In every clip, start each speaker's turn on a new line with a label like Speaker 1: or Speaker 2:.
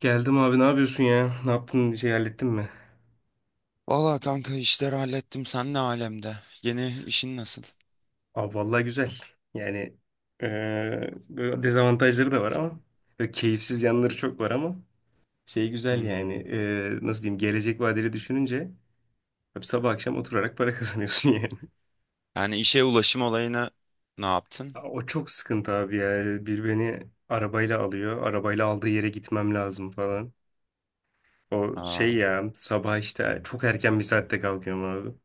Speaker 1: Geldim abi ne yapıyorsun ya? Ne yaptın şey hallettin mi?
Speaker 2: Valla kanka işleri hallettim. Sen ne alemde? Yeni işin nasıl?
Speaker 1: Abi vallahi güzel. Yani böyle dezavantajları da var ama böyle keyifsiz yanları çok var ama şey güzel yani
Speaker 2: Hmm.
Speaker 1: nasıl diyeyim gelecek vadeli düşününce hep sabah akşam oturarak para kazanıyorsun yani.
Speaker 2: Yani işe ulaşım olayını ne yaptın?
Speaker 1: O çok sıkıntı abi ya. Bir beni arabayla alıyor. Arabayla aldığı yere gitmem lazım falan. O şey
Speaker 2: Aa,
Speaker 1: ya sabah işte çok erken bir saatte kalkıyorum abi.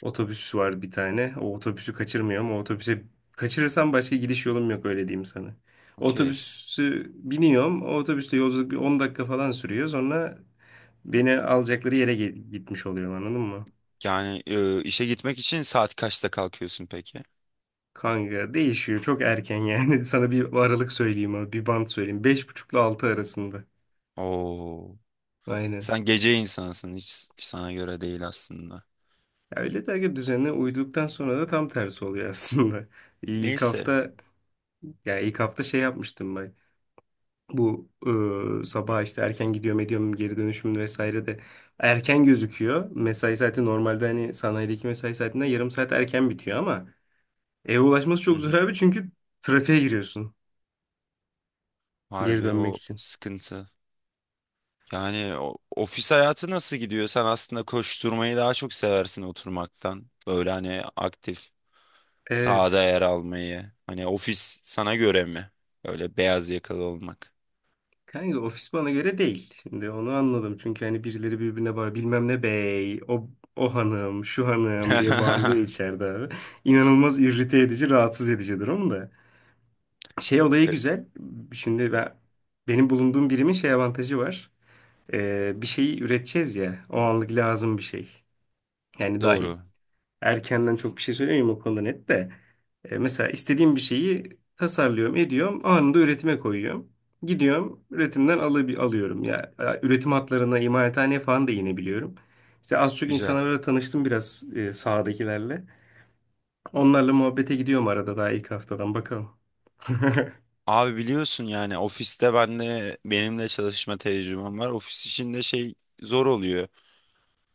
Speaker 1: Otobüs var bir tane. O otobüsü kaçırmıyorum. O otobüse kaçırırsam başka gidiş yolum yok öyle diyeyim sana.
Speaker 2: okey.
Speaker 1: Otobüsü biniyorum. O otobüsle yolculuk bir 10 dakika falan sürüyor. Sonra beni alacakları yere gitmiş oluyorum anladın mı?
Speaker 2: Yani işe gitmek için saat kaçta kalkıyorsun peki?
Speaker 1: Kanka değişiyor. Çok erken yani. Sana bir aralık söyleyeyim abi. Bir bant söyleyeyim. Beş buçukla altı arasında.
Speaker 2: Oo.
Speaker 1: Aynen.
Speaker 2: Sen gece insansın. Hiç sana göre değil aslında.
Speaker 1: Ya öyle dergi düzenine uyduktan sonra da tam tersi oluyor aslında. İlk
Speaker 2: Neyse.
Speaker 1: hafta ya ilk hafta şey yapmıştım bak. Bu sabah işte erken gidiyorum ediyorum geri dönüşüm vesaire de erken gözüküyor. Mesai saati normalde hani sanayideki mesai saatinden yarım saat erken bitiyor ama eve ulaşması
Speaker 2: Hı
Speaker 1: çok
Speaker 2: hı.
Speaker 1: zor abi çünkü trafiğe giriyorsun geri
Speaker 2: Harbi
Speaker 1: dönmek
Speaker 2: o
Speaker 1: için.
Speaker 2: sıkıntı. Yani ofis hayatı nasıl gidiyor? Sen aslında koşturmayı daha çok seversin oturmaktan. Böyle hani aktif. Sahada
Speaker 1: Evet.
Speaker 2: yer almayı. Hani ofis sana göre mi? Öyle beyaz yakalı olmak.
Speaker 1: Kanka ofis bana göre değil. Şimdi onu anladım. Çünkü hani birileri birbirine bağır bilmem ne bey, o, o hanım, şu hanım diye bağırıyor içeride abi. İnanılmaz irrite edici, rahatsız edici durum da. Şey olayı
Speaker 2: E,
Speaker 1: güzel. Şimdi benim bulunduğum birimin şey avantajı var. Bir şeyi üreteceğiz ya. O anlık lazım bir şey. Yani
Speaker 2: Doğru.
Speaker 1: erkenden çok bir şey söylemiyorum o konuda net de. Mesela istediğim bir şeyi tasarlıyorum, ediyorum. Anında üretime koyuyorum. Gidiyorum, üretimden alıp alıyorum. Ya üretim hatlarına, imalathaneye falan da inebiliyorum. İşte az çok
Speaker 2: Güzel.
Speaker 1: insanlarla tanıştım biraz sahadakilerle. Onlarla muhabbete gidiyorum arada daha ilk haftadan. Bakalım.
Speaker 2: Abi biliyorsun yani ofiste ben de benimle çalışma tecrübem var. Ofis içinde şey zor oluyor.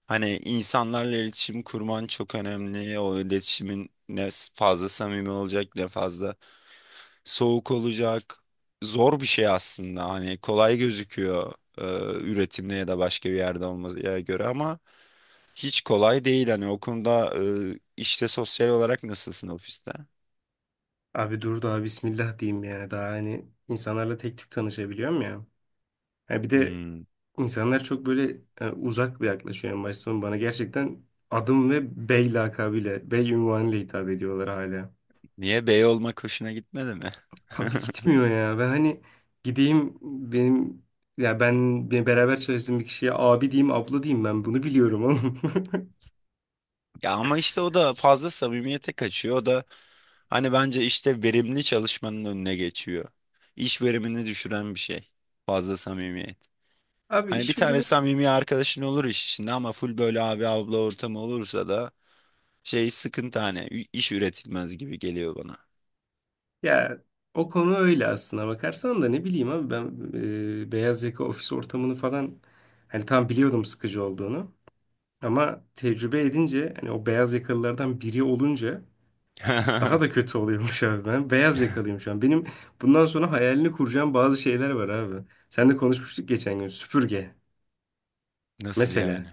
Speaker 2: Hani insanlarla iletişim kurman çok önemli. O iletişimin ne fazla samimi olacak, ne fazla soğuk olacak. Zor bir şey aslında. Hani kolay gözüküyor, e, üretimde ya da başka bir yerde olmaya göre, ama hiç kolay değil hani o konuda. İşte sosyal olarak nasılsın ofiste?
Speaker 1: Abi dur daha bismillah diyeyim yani. Daha hani insanlarla tek tük tanışabiliyorum ya. Ha bir de
Speaker 2: Hmm.
Speaker 1: insanlar çok böyle uzak bir yaklaşıyor en başta. Sonra bana gerçekten adım ve bey lakabıyla, bey unvanıyla hitap ediyorlar hala.
Speaker 2: Niye, bey olmak hoşuna gitmedi mi?
Speaker 1: Abi gitmiyor ya. Ben hani gideyim benim ya ben beraber çalıştığım bir kişiye abi diyeyim, abla diyeyim ben bunu biliyorum oğlum.
Speaker 2: Ya ama işte o da fazla samimiyete kaçıyor. O da hani bence işte verimli çalışmanın önüne geçiyor. İş verimini düşüren bir şey. Fazla samimiyet.
Speaker 1: Abi
Speaker 2: Hani bir
Speaker 1: iş.
Speaker 2: tane samimi arkadaşın olur iş içinde ama full böyle abi abla ortamı olursa da şey, sıkıntı hani iş üretilmez gibi geliyor bana.
Speaker 1: Ya o konu öyle aslına bakarsan da ne bileyim abi ben beyaz yaka ofis ortamını falan hani tam biliyordum sıkıcı olduğunu ama tecrübe edince hani o beyaz yakalılardan biri olunca daha da kötü oluyormuş abi ben beyaz yakalıyım şu an. Benim bundan sonra hayalini kuracağım bazı şeyler var abi. Sen de konuşmuştuk geçen gün süpürge
Speaker 2: Nasıl yani?
Speaker 1: mesela.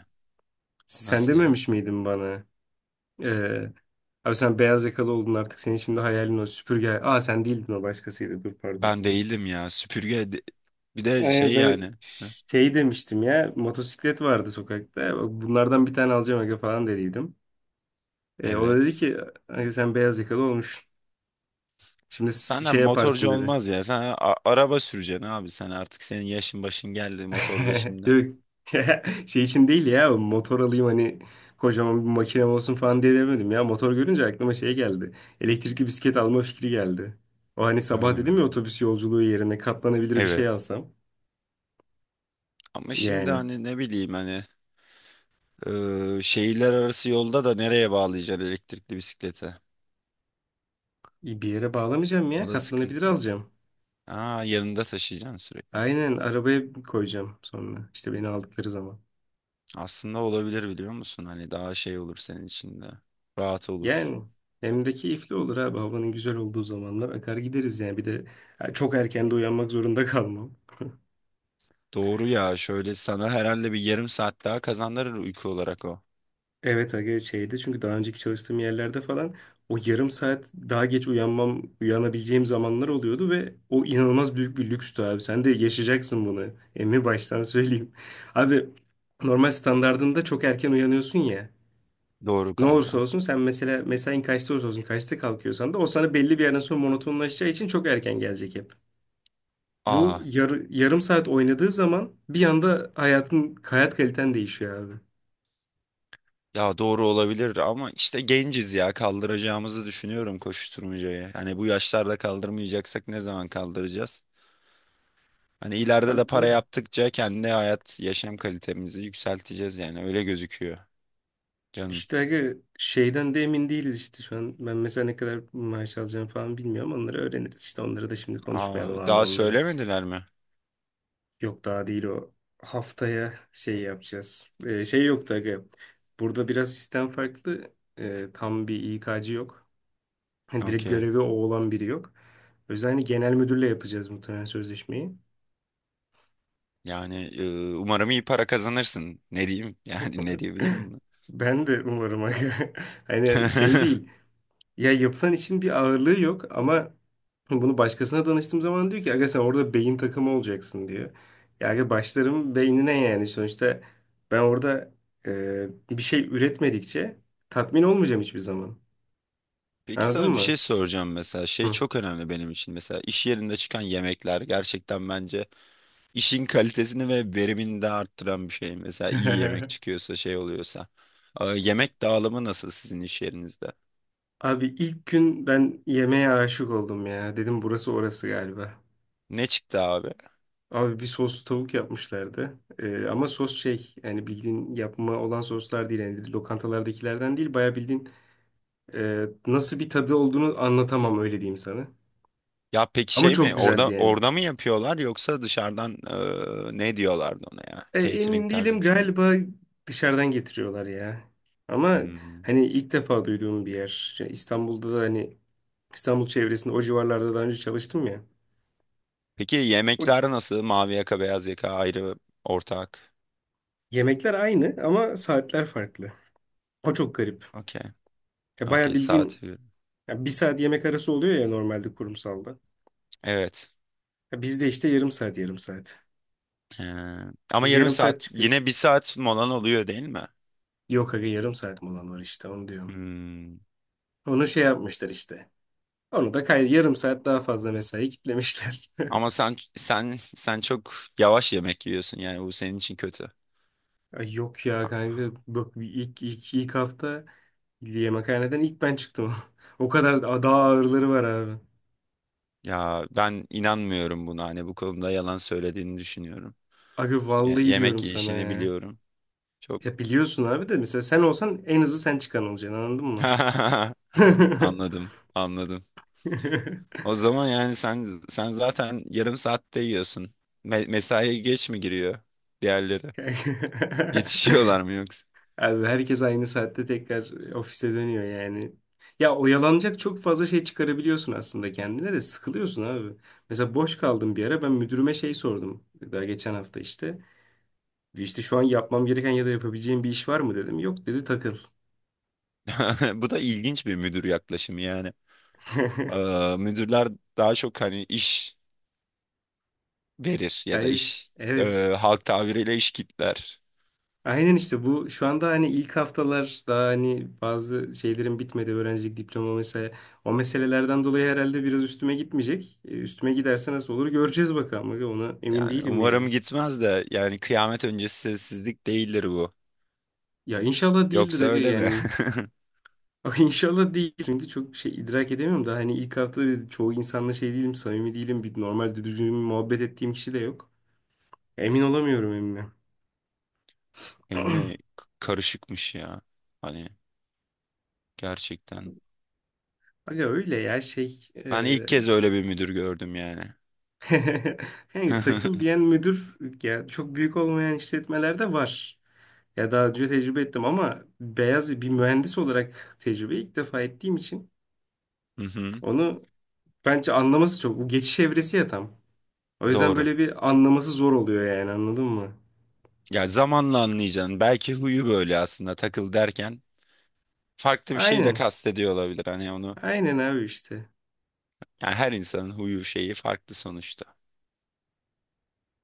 Speaker 1: Sen
Speaker 2: Nasıl yani?
Speaker 1: dememiş miydin bana? E, abi sen beyaz yakalı oldun artık senin şimdi hayalin o süpürge. Aa sen değildin o başkasıydı dur pardon.
Speaker 2: Ben değildim ya. Süpürge bir de şey
Speaker 1: Ben
Speaker 2: yani. Heh.
Speaker 1: şey demiştim ya motosiklet vardı sokakta bunlardan bir tane alacağım aga falan dediydim. O da dedi
Speaker 2: Evet.
Speaker 1: ki "Aga sen beyaz yakalı olmuş. Şimdi
Speaker 2: Senden
Speaker 1: şey yaparsın
Speaker 2: motorcu
Speaker 1: dedi."
Speaker 2: olmaz ya. Sen araba süreceksin abi. Sen artık, senin yaşın başın geldi motorda şimdi.
Speaker 1: Yok şey için değil ya motor alayım hani kocaman bir makinem olsun falan diye demedim ya. Motor görünce aklıma şey geldi. Elektrikli bisiklet alma fikri geldi. O hani sabah dedim ya
Speaker 2: Hmm.
Speaker 1: otobüs yolculuğu yerine katlanabilir bir şey
Speaker 2: Evet.
Speaker 1: alsam.
Speaker 2: Ama şimdi
Speaker 1: Yani
Speaker 2: hani, ne bileyim, hani şehirler arası yolda da nereye bağlayacaksın elektrikli bisiklete?
Speaker 1: bir yere bağlamayacağım ya
Speaker 2: O da
Speaker 1: katlanabilir
Speaker 2: sıkıntı.
Speaker 1: alacağım.
Speaker 2: Aa, yanında taşıyacaksın sürekli.
Speaker 1: Aynen arabaya koyacağım sonra. İşte beni aldıkları zaman.
Speaker 2: Aslında olabilir, biliyor musun? Hani daha şey olur senin için de. Rahat olur.
Speaker 1: Yani hem de keyifli olur abi. Havanın güzel olduğu zamanlar akar gideriz yani. Bir de ha, çok erken de uyanmak zorunda kalmam.
Speaker 2: Doğru ya, şöyle sana herhalde bir yarım saat daha kazandırır uyku olarak o.
Speaker 1: Evet aga şeydi çünkü daha önceki çalıştığım yerlerde falan o yarım saat daha geç uyanmam, uyanabileceğim zamanlar oluyordu ve o inanılmaz büyük bir lükstü abi. Sen de yaşayacaksın bunu. Emmi baştan söyleyeyim. Abi normal standardında çok erken uyanıyorsun ya.
Speaker 2: Doğru
Speaker 1: Ne olursa
Speaker 2: kanka.
Speaker 1: olsun sen mesela mesain kaçta olursa olsun kaçta kalkıyorsan da o sana belli bir yerden sonra monotonlaşacağı için çok erken gelecek hep. Bu
Speaker 2: Aa,
Speaker 1: yarım saat oynadığı zaman bir anda hayatın hayat kaliten değişiyor abi.
Speaker 2: ya doğru olabilir ama işte genciz ya, kaldıracağımızı düşünüyorum koşuşturmacayı. Hani bu yaşlarda kaldırmayacaksak ne zaman kaldıracağız? Hani ileride
Speaker 1: Abi
Speaker 2: de para
Speaker 1: doğru.
Speaker 2: yaptıkça kendi hayat, yaşam kalitemizi yükselteceğiz, yani öyle gözüküyor canım.
Speaker 1: İşte aga şeyden de emin değiliz işte şu an. Ben mesela ne kadar maaş alacağım falan bilmiyorum. Onları öğreniriz işte. Onları da şimdi
Speaker 2: Aa,
Speaker 1: konuşmayalım abi
Speaker 2: daha
Speaker 1: onları.
Speaker 2: söylemediler mi?
Speaker 1: Yok daha değil o. Haftaya şey yapacağız. Şey yoktu aga. Burada biraz sistem farklı. Tam bir İK'cı yok. Hani direkt
Speaker 2: Okey.
Speaker 1: görevi o olan biri yok. O yüzden hani genel müdürle yapacağız muhtemelen sözleşmeyi.
Speaker 2: Yani umarım iyi para kazanırsın. Ne diyeyim? Yani ne diyebilirim buna?
Speaker 1: Ben de umarım. Hani şey değil. Ya yapılan işin bir ağırlığı yok ama bunu başkasına danıştığım zaman diyor ki aga sen orada beyin takımı olacaksın diyor. Ya aga başlarım beynine yani sonuçta ben orada bir şey üretmedikçe tatmin olmayacağım hiçbir zaman.
Speaker 2: Peki
Speaker 1: Anladın
Speaker 2: sana bir
Speaker 1: mı?
Speaker 2: şey soracağım. Mesela şey
Speaker 1: Hı.
Speaker 2: çok önemli benim için; mesela iş yerinde çıkan yemekler gerçekten bence işin kalitesini ve verimini de arttıran bir şey. Mesela iyi yemek çıkıyorsa, şey oluyorsa. Yemek dağılımı nasıl sizin iş yerinizde,
Speaker 1: Abi ilk gün ben yemeğe aşık oldum ya. Dedim burası orası galiba.
Speaker 2: ne çıktı abi?
Speaker 1: Abi bir soslu tavuk yapmışlardı. Ama sos şey yani bildiğin yapma olan soslar değil. Yani lokantalardakilerden değil. Baya bildiğin nasıl bir tadı olduğunu anlatamam öyle diyeyim sana.
Speaker 2: Ya peki,
Speaker 1: Ama
Speaker 2: şey
Speaker 1: çok
Speaker 2: mi,
Speaker 1: güzeldi
Speaker 2: orada
Speaker 1: yani.
Speaker 2: orada mı yapıyorlar, yoksa dışarıdan? Ne diyorlardı ona, ya catering
Speaker 1: Emin değilim
Speaker 2: tarzı bir şey mi?
Speaker 1: galiba dışarıdan getiriyorlar ya. Ama
Speaker 2: Hmm.
Speaker 1: hani ilk defa duyduğum bir yer. Ya İstanbul'da da hani İstanbul çevresinde o civarlarda daha önce çalıştım ya.
Speaker 2: Peki
Speaker 1: O
Speaker 2: yemekler nasıl, mavi yaka beyaz yaka ayrı, ortak?
Speaker 1: yemekler aynı ama saatler farklı. O çok garip.
Speaker 2: Okey.
Speaker 1: Ya baya
Speaker 2: Okey, saat,
Speaker 1: bildiğin. Ya bir saat yemek arası oluyor ya normalde kurumsalda.
Speaker 2: evet.
Speaker 1: Ya bizde işte yarım saat yarım saat.
Speaker 2: Ee, ama
Speaker 1: Biz
Speaker 2: yarım
Speaker 1: yarım saat
Speaker 2: saat
Speaker 1: çıkıyoruz.
Speaker 2: yine bir saat molan oluyor değil mi?
Speaker 1: Yok aga yarım saat mi olan var işte onu diyorum.
Speaker 2: Hmm.
Speaker 1: Onu şey yapmışlar işte. Onu da yarım saat daha fazla mesai kitlemişler.
Speaker 2: Ama sen çok yavaş yemek yiyorsun, yani bu senin için kötü.
Speaker 1: Ay yok ya kanka bak ilk hafta yemekhaneden ilk ben çıktım. O kadar daha ağırları var abi.
Speaker 2: Ya ben inanmıyorum buna, hani bu konuda yalan söylediğini düşünüyorum.
Speaker 1: Aga
Speaker 2: Ye-
Speaker 1: vallahi
Speaker 2: yemek
Speaker 1: diyorum sana
Speaker 2: yiyişini
Speaker 1: ya.
Speaker 2: biliyorum. Çok.
Speaker 1: Ya biliyorsun abi de mesela sen olsan en hızlı sen çıkan olacaksın anladın mı?
Speaker 2: Anladım, anladım. O zaman yani sen zaten yarım saatte yiyorsun. Mesaiye geç mi giriyor diğerleri? Yetişiyorlar mı yoksa?
Speaker 1: Abi herkes aynı saatte tekrar ofise dönüyor yani. Ya oyalanacak çok fazla şey çıkarabiliyorsun aslında kendine de sıkılıyorsun abi. Mesela boş kaldım bir ara ben müdürüme şey sordum. Daha geçen hafta işte. İşte şu an yapmam gereken ya da yapabileceğim bir iş var mı dedim. Yok dedi takıl.
Speaker 2: Bu da ilginç bir müdür yaklaşımı yani. Müdürler daha çok hani iş verir ya da
Speaker 1: Evet,
Speaker 2: iş, e,
Speaker 1: evet.
Speaker 2: halk tabiriyle, iş kitler.
Speaker 1: Aynen işte bu şu anda hani ilk haftalar daha hani bazı şeylerin bitmedi öğrencilik diploma mesela o meselelerden dolayı herhalde biraz üstüme gitmeyecek. Üstüme giderse nasıl olur göreceğiz bakalım. Ona emin
Speaker 2: Yani
Speaker 1: değilim
Speaker 2: umarım
Speaker 1: yani.
Speaker 2: gitmez de, yani kıyamet öncesi sessizlik değildir bu.
Speaker 1: Ya inşallah değildir
Speaker 2: Yoksa
Speaker 1: aga
Speaker 2: öyle mi?
Speaker 1: yani. Aga inşallah değil. Çünkü çok şey idrak edemiyorum da hani ilk hafta bir çoğu insanla şey değilim, samimi değilim. Bir normal düzgün muhabbet ettiğim kişi de yok. Emin olamıyorum emmim.
Speaker 2: Emmi karışıkmış ya. Hani gerçekten.
Speaker 1: Aga öyle ya şey
Speaker 2: Ben ilk kez öyle bir müdür gördüm yani.
Speaker 1: yani takıl diyen müdür ya çok büyük olmayan işletmelerde var. Ya daha önce tecrübe ettim ama beyaz bir mühendis olarak tecrübe ilk defa ettiğim için
Speaker 2: Hı hı.
Speaker 1: onu bence anlaması çok. Bu geçiş evresi ya tam. O yüzden
Speaker 2: Doğru.
Speaker 1: böyle bir anlaması zor oluyor yani anladın mı?
Speaker 2: Ya zamanla anlayacaksın. Belki huyu böyle aslında, takıl derken farklı bir şey de
Speaker 1: Aynen.
Speaker 2: kastediyor olabilir. Hani onu,
Speaker 1: Aynen abi işte.
Speaker 2: yani her insanın huyu şeyi farklı sonuçta.